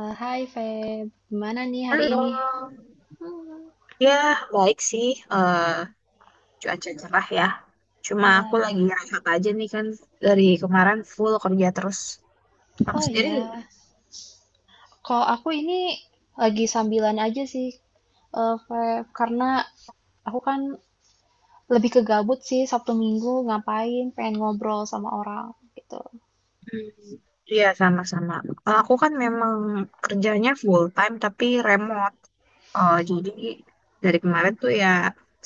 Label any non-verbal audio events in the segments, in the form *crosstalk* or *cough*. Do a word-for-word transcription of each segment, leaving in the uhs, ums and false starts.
Eh, Hai Feb, gimana nih hari Halo, ini? ya baik sih, eh cuaca cerah ya. Cuma aku lagi Ya, rehat aja nih kan dari kemarin full kerja terus. Kamu oh sendiri? iya, kalau aku ini lagi sambilan aja sih. eh, Feb, karena aku kan lebih ke gabut sih Sabtu Minggu ngapain, pengen ngobrol sama orang gitu. Hmm, iya sama-sama. Eh, Aku kan memang kerjanya full time tapi remote. Eh, jadi dari kemarin tuh ya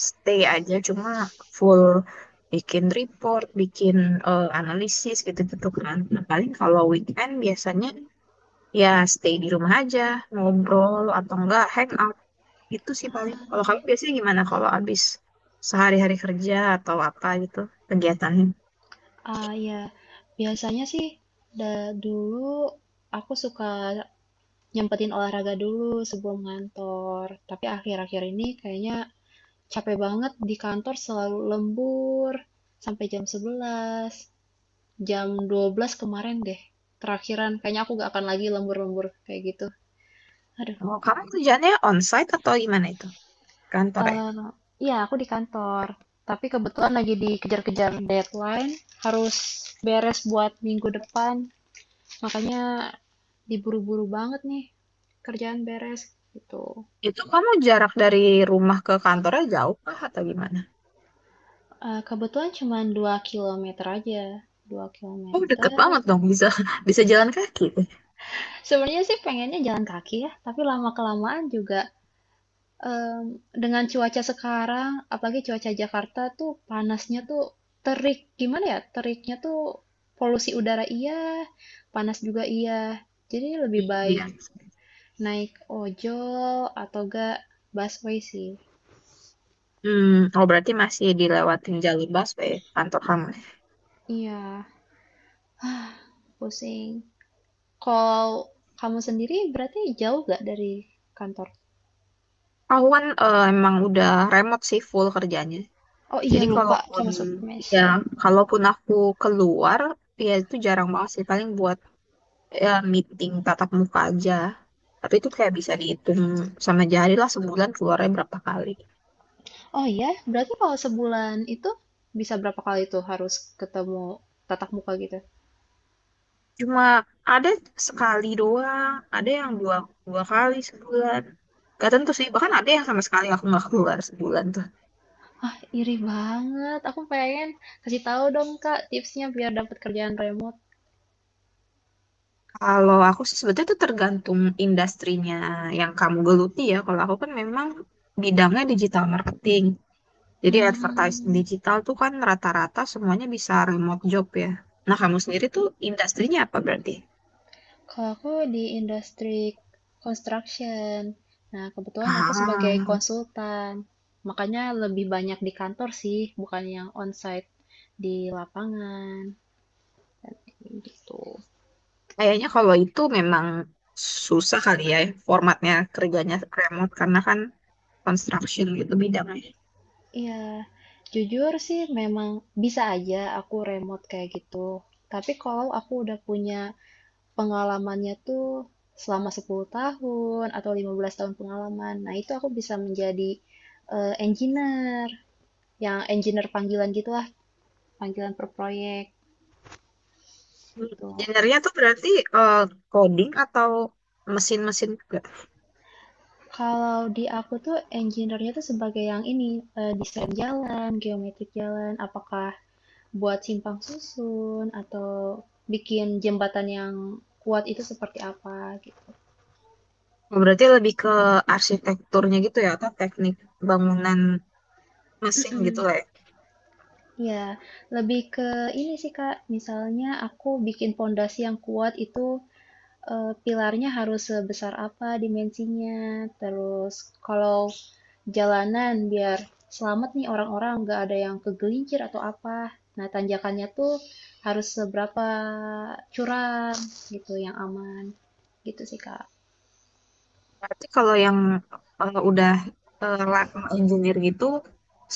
stay aja cuma full bikin report, bikin eh, analisis gitu-gitu kan. Nah, paling kalau weekend biasanya ya stay di rumah aja ngobrol atau enggak hangout itu sih. Paling kalau kamu biasanya gimana kalau habis sehari-hari kerja atau apa gitu kegiatannya. Ah iya, biasanya sih da- dulu aku suka nyempetin olahraga dulu sebelum ngantor, tapi akhir-akhir ini kayaknya capek banget di kantor selalu lembur sampai jam sebelas. Jam dua belas kemarin deh, terakhiran kayaknya aku gak akan lagi lembur-lembur kayak gitu. Aduh. Oh kamu kerjaannya onsite atau gimana itu, kantor ya? Eh, iya, aku di kantor. Tapi kebetulan lagi dikejar-kejar deadline, harus beres buat minggu depan. Makanya diburu-buru banget nih kerjaan beres gitu. Itu kamu jarak dari rumah ke kantornya jauh kah atau gimana? Eh, kebetulan cuma dua kilometer aja. dua Oh kilometer. deket banget dong, bisa *laughs* bisa jalan kaki. Sebenarnya sih pengennya jalan kaki ya, tapi lama-kelamaan juga Mmm, dengan cuaca sekarang, apalagi cuaca Jakarta tuh panasnya tuh terik, gimana ya, teriknya tuh polusi udara iya, panas juga iya. Jadi lebih baik Iya. naik ojol atau enggak busway sih. Hmm, oh berarti masih dilewatin jalur busway kantor kamu. Iya, pusing. Kalau kamu sendiri berarti jauh nggak dari kantor? Kawan eh, emang udah remote sih full kerjanya. Oh iya Jadi lupa, kalaupun kamu sempat ya, mention. kalaupun aku keluar ya itu jarang banget sih, paling buat ya, meeting tatap muka aja. Tapi itu kayak bisa dihitung sama jari lah sebulan keluarnya berapa kali. Oh iya, berarti kalau sebulan itu bisa berapa kali tuh harus ketemu tatap muka gitu? Cuma ada sekali doang, ada yang dua, dua kali sebulan. Gak tentu sih, bahkan ada yang sama sekali aku nggak keluar sebulan tuh. Ah, iri banget. Aku pengen kasih tahu dong, Kak, tipsnya biar dapat kerjaan remote. Kalau aku sih sebetulnya itu tergantung industrinya yang kamu geluti ya. Kalau aku kan memang bidangnya digital marketing. Jadi advertising Hmm. digital tuh kan rata-rata semuanya bisa remote job ya. Nah, kamu sendiri tuh industrinya apa berarti? Kalau aku di industri construction. Nah, kebetulan aku sebagai Ah, konsultan. Makanya lebih banyak di kantor sih, bukan yang onsite di lapangan gitu. kayaknya kalau itu memang susah kali ya formatnya kerjanya remote karena kan construction gitu bidangnya. Iya, jujur sih memang bisa aja aku remote kayak gitu. Tapi kalau aku udah punya pengalamannya tuh selama sepuluh tahun atau lima belas tahun pengalaman. Nah, itu aku bisa menjadi eh, engineer, yang engineer panggilan gitulah, panggilan per proyek Hmm, tuh. engineer-nya tuh berarti eh, coding atau mesin-mesin juga. Kalau di aku tuh engineer-nya tuh sebagai yang ini, eh, desain jalan, geometrik jalan, apakah buat simpang susun atau bikin jembatan yang kuat itu seperti apa gitu. Oh, berarti lebih ke arsitekturnya gitu ya atau teknik bangunan mesin gitu Mm-mm. lah ya. Ya, lebih ke ini sih Kak, misalnya aku bikin pondasi yang kuat itu eh, pilarnya harus sebesar apa dimensinya, terus kalau jalanan biar selamat nih orang-orang nggak ada yang kegelincir atau apa. Nah, tanjakannya tuh harus seberapa curam gitu yang aman. Gitu sih Kak. Berarti kalau yang eh, udah eh, lab engineer gitu,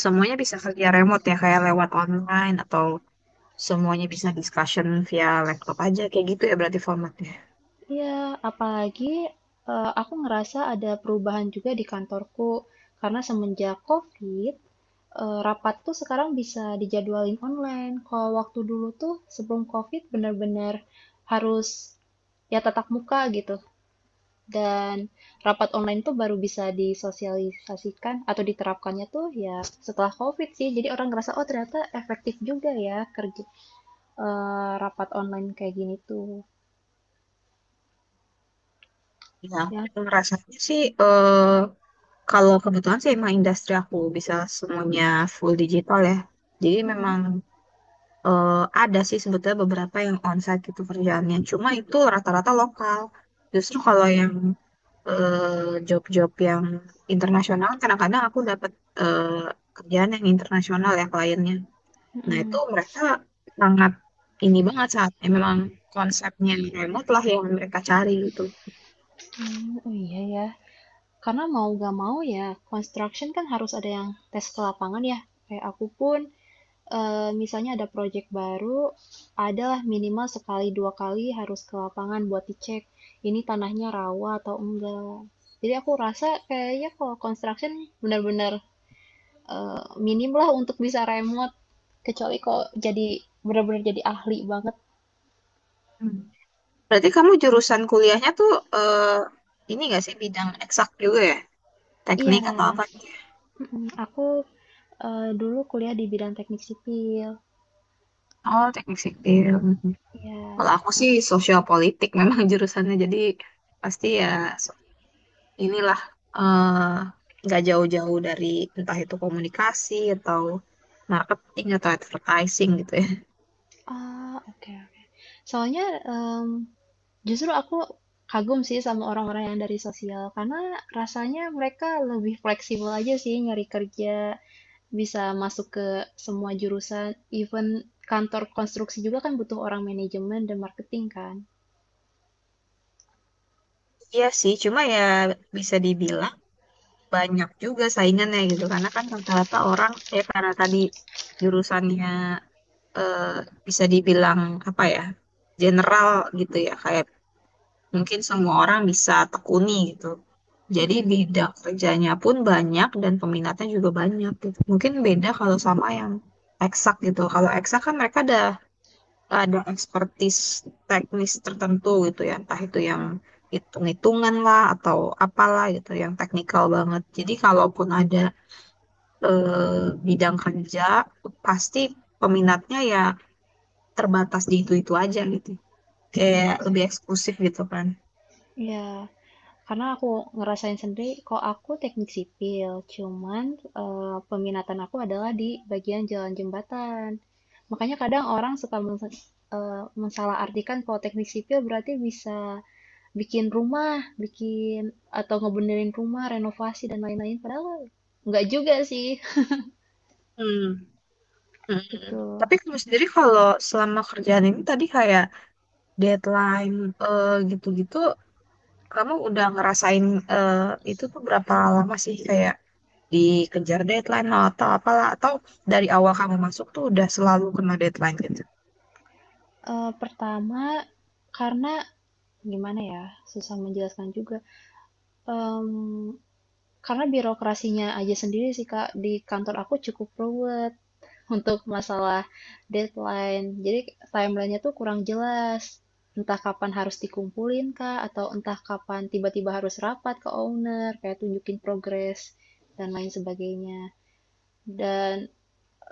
semuanya bisa kerja remote ya, kayak lewat online atau semuanya bisa discussion via laptop aja, kayak gitu ya berarti formatnya. Iya, apalagi eh, aku ngerasa ada perubahan juga di kantorku karena semenjak COVID eee, rapat tuh sekarang bisa dijadwalin online. Kalau waktu dulu tuh sebelum COVID benar-benar harus ya tatap muka gitu. Dan rapat online tuh baru bisa disosialisasikan atau diterapkannya tuh ya setelah COVID sih. Jadi orang ngerasa, oh ternyata efektif juga ya kerja eee, rapat online kayak gini tuh. Ya, Ya, aku ngerasanya sih eh, kalau kebetulan sih emang industri aku bisa semuanya full digital ya. Jadi memang eh, ada sih sebetulnya beberapa yang onsite gitu kerjaannya. Cuma itu rata-rata lokal. Justru kalau yang eh, job-job yang internasional kadang-kadang aku dapat eh, kerjaan yang internasional ya kliennya. Nah itu mhm. mereka sangat ini banget saat ya, memang konsepnya remote lah yang mereka cari gitu. Mmm, oh iya ya. Karena mau gak mau ya construction kan harus ada yang tes ke lapangan ya. Kayak aku pun Eee, misalnya ada proyek baru, adalah minimal sekali, dua kali harus ke lapangan buat dicek, ini tanahnya rawa atau enggak. Jadi aku rasa kayaknya kalau construction benar-benar eee, minim lah untuk bisa remote, kecuali kok jadi benar-benar jadi ahli banget. Hmm. Berarti kamu jurusan kuliahnya tuh eh, ini gak sih, bidang eksak juga ya? Iya, Teknik atau apa gitu? mhm, aku, eee, dulu kuliah di bidang teknik sipil. Oh, teknik sipil. Mhm. Iya, Kalau aku sih enak. sosial politik memang *laughs* jurusannya, jadi pasti ya inilah eh, nggak jauh-jauh dari entah itu komunikasi atau marketing atau advertising gitu ya. Oh, oke oke. Soalnya, mmm, justru aku kagum sih sama orang-orang yang dari sosial, karena rasanya mereka lebih fleksibel aja sih nyari kerja, bisa masuk ke semua jurusan, even kantor konstruksi juga kan butuh orang manajemen dan marketing kan. Iya sih, cuma ya bisa dibilang banyak juga saingannya gitu karena kan rata-rata orang ya karena tadi jurusannya eh, bisa dibilang apa ya, general gitu ya, kayak mungkin semua orang bisa tekuni gitu. Jadi Mm-mm. bidang kerjanya pun banyak dan peminatnya juga banyak gitu. Mungkin beda kalau sama yang eksak gitu. Kalau eksak kan mereka ada ada expertise teknis tertentu gitu ya, entah itu yang hitung-hitungan lah atau apalah gitu yang teknikal banget. Jadi kalaupun ada eh, bidang kerja pasti peminatnya ya terbatas di itu-itu aja gitu. Kayak Iya sih. lebih eksklusif gitu kan. Iya, karena aku ngerasain sendiri, kok aku teknik sipil, cuman eh, peminatan aku adalah di bagian jalan jembatan. Makanya kadang orang suka mens- eh, mensalah artikan kalau teknik sipil berarti bisa bikin rumah, bikin atau ngebenerin rumah, renovasi dan lain-lain. Padahal nggak juga sih, Hmm. *laughs* Mm. gitu. Tapi kamu sendiri kalau selama kerjaan ini tadi kayak deadline eh, gitu-gitu, kamu udah ngerasain eh, itu tuh berapa lama sih kayak dikejar deadline lah atau apalah, atau dari awal kamu masuk tuh udah selalu kena deadline gitu. Eh, pertama, karena gimana ya, susah menjelaskan juga. Em, karena birokrasinya aja sendiri sih Kak, di kantor aku cukup ruwet *laughs* untuk masalah deadline. Jadi timelinenya tuh kurang jelas. Entah kapan harus dikumpulin Kak, atau entah kapan tiba-tiba harus rapat ke owner, kayak tunjukin progres dan lain sebagainya. Dan,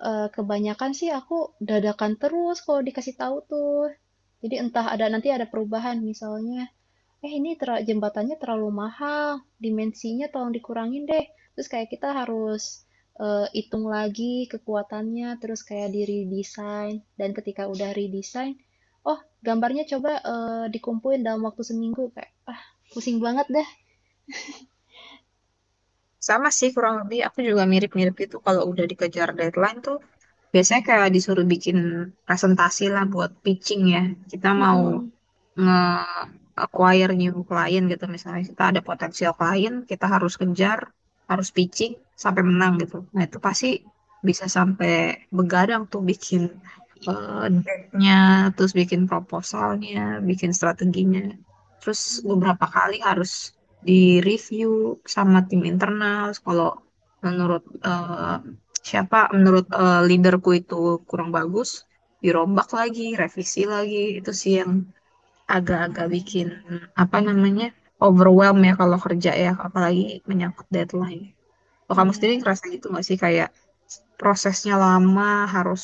eee, kebanyakan sih aku dadakan terus kalau dikasih tahu tuh. Jadi entah ada nanti ada perubahan misalnya, "Eh, ini tera jembatannya terlalu mahal, dimensinya tolong dikurangin deh." Terus kayak kita harus, eee, hitung lagi kekuatannya, terus kayak di-redesign dan ketika udah redesign, "Oh, gambarnya coba, eee, dikumpulin dalam waktu seminggu." Kayak, ah, pusing banget dah. Sama sih kurang lebih aku juga mirip-mirip itu, kalau udah dikejar deadline tuh biasanya kayak disuruh bikin presentasi lah buat pitching ya. Kita mau Mhm. nge-acquire new client gitu, misalnya kita ada potensial klien, kita harus kejar, harus pitching sampai menang gitu. Nah itu pasti bisa sampai begadang tuh bikin eh, deck-nya, terus bikin proposalnya, bikin strateginya, terus beberapa kali harus di-review sama tim internal. Kalau menurut eh, siapa menurut eh, leaderku itu kurang bagus, dirombak lagi, revisi lagi, itu sih yang agak-agak bikin apa namanya overwhelm ya kalau kerja ya, apalagi menyangkut deadline. Kalau kamu sendiri Iya. ngerasa gitu nggak sih kayak prosesnya lama, harus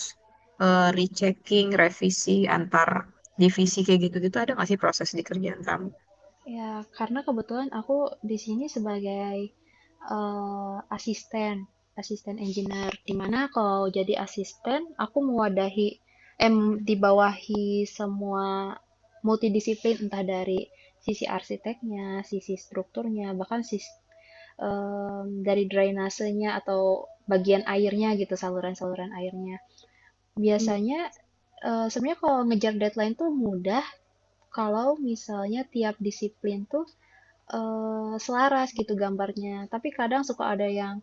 eh, rechecking revisi antar divisi kayak gitu-gitu, ada nggak sih proses di kerjaan kamu? Ya, karena kebetulan aku di sini sebagai eh, asisten, asisten engineer. Di mana kalau jadi asisten, aku mewadahi, em, dibawahi semua multidisiplin, entah dari sisi arsiteknya, sisi strukturnya, bahkan sis, em, dari drainasenya atau bagian airnya gitu, saluran-saluran airnya. Hmm. Biasanya, eh, sebenarnya kalau ngejar deadline tuh mudah, kalau misalnya tiap disiplin tuh eee, selaras gitu gambarnya. Tapi kadang suka ada yang,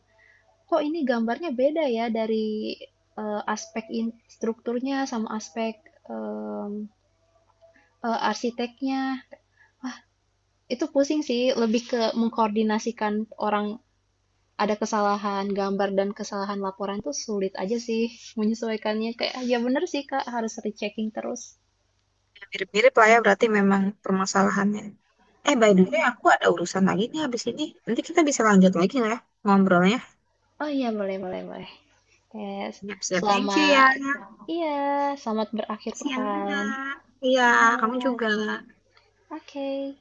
"Kok ini gambarnya beda ya dari, eee, aspek in strukturnya sama aspek, mmm, eee, arsiteknya." Itu pusing sih, lebih ke mengkoordinasikan orang ada kesalahan gambar dan kesalahan laporan tuh sulit aja sih menyesuaikannya. Kayak, ya bener sih, Kak, harus rechecking terus. Ya, mirip-mirip lah ya berarti memang permasalahannya. Eh by the way aku ada urusan lagi nih habis ini, nanti kita bisa lanjut lagi nggak ya ngobrolnya. Oh iya, boleh boleh boleh. Kayak, Siap-siap. Thank you ya. selamat iya, selamat berakhir Siang juga. pekan. Iya, kamu Iya. juga. Oke. Okay.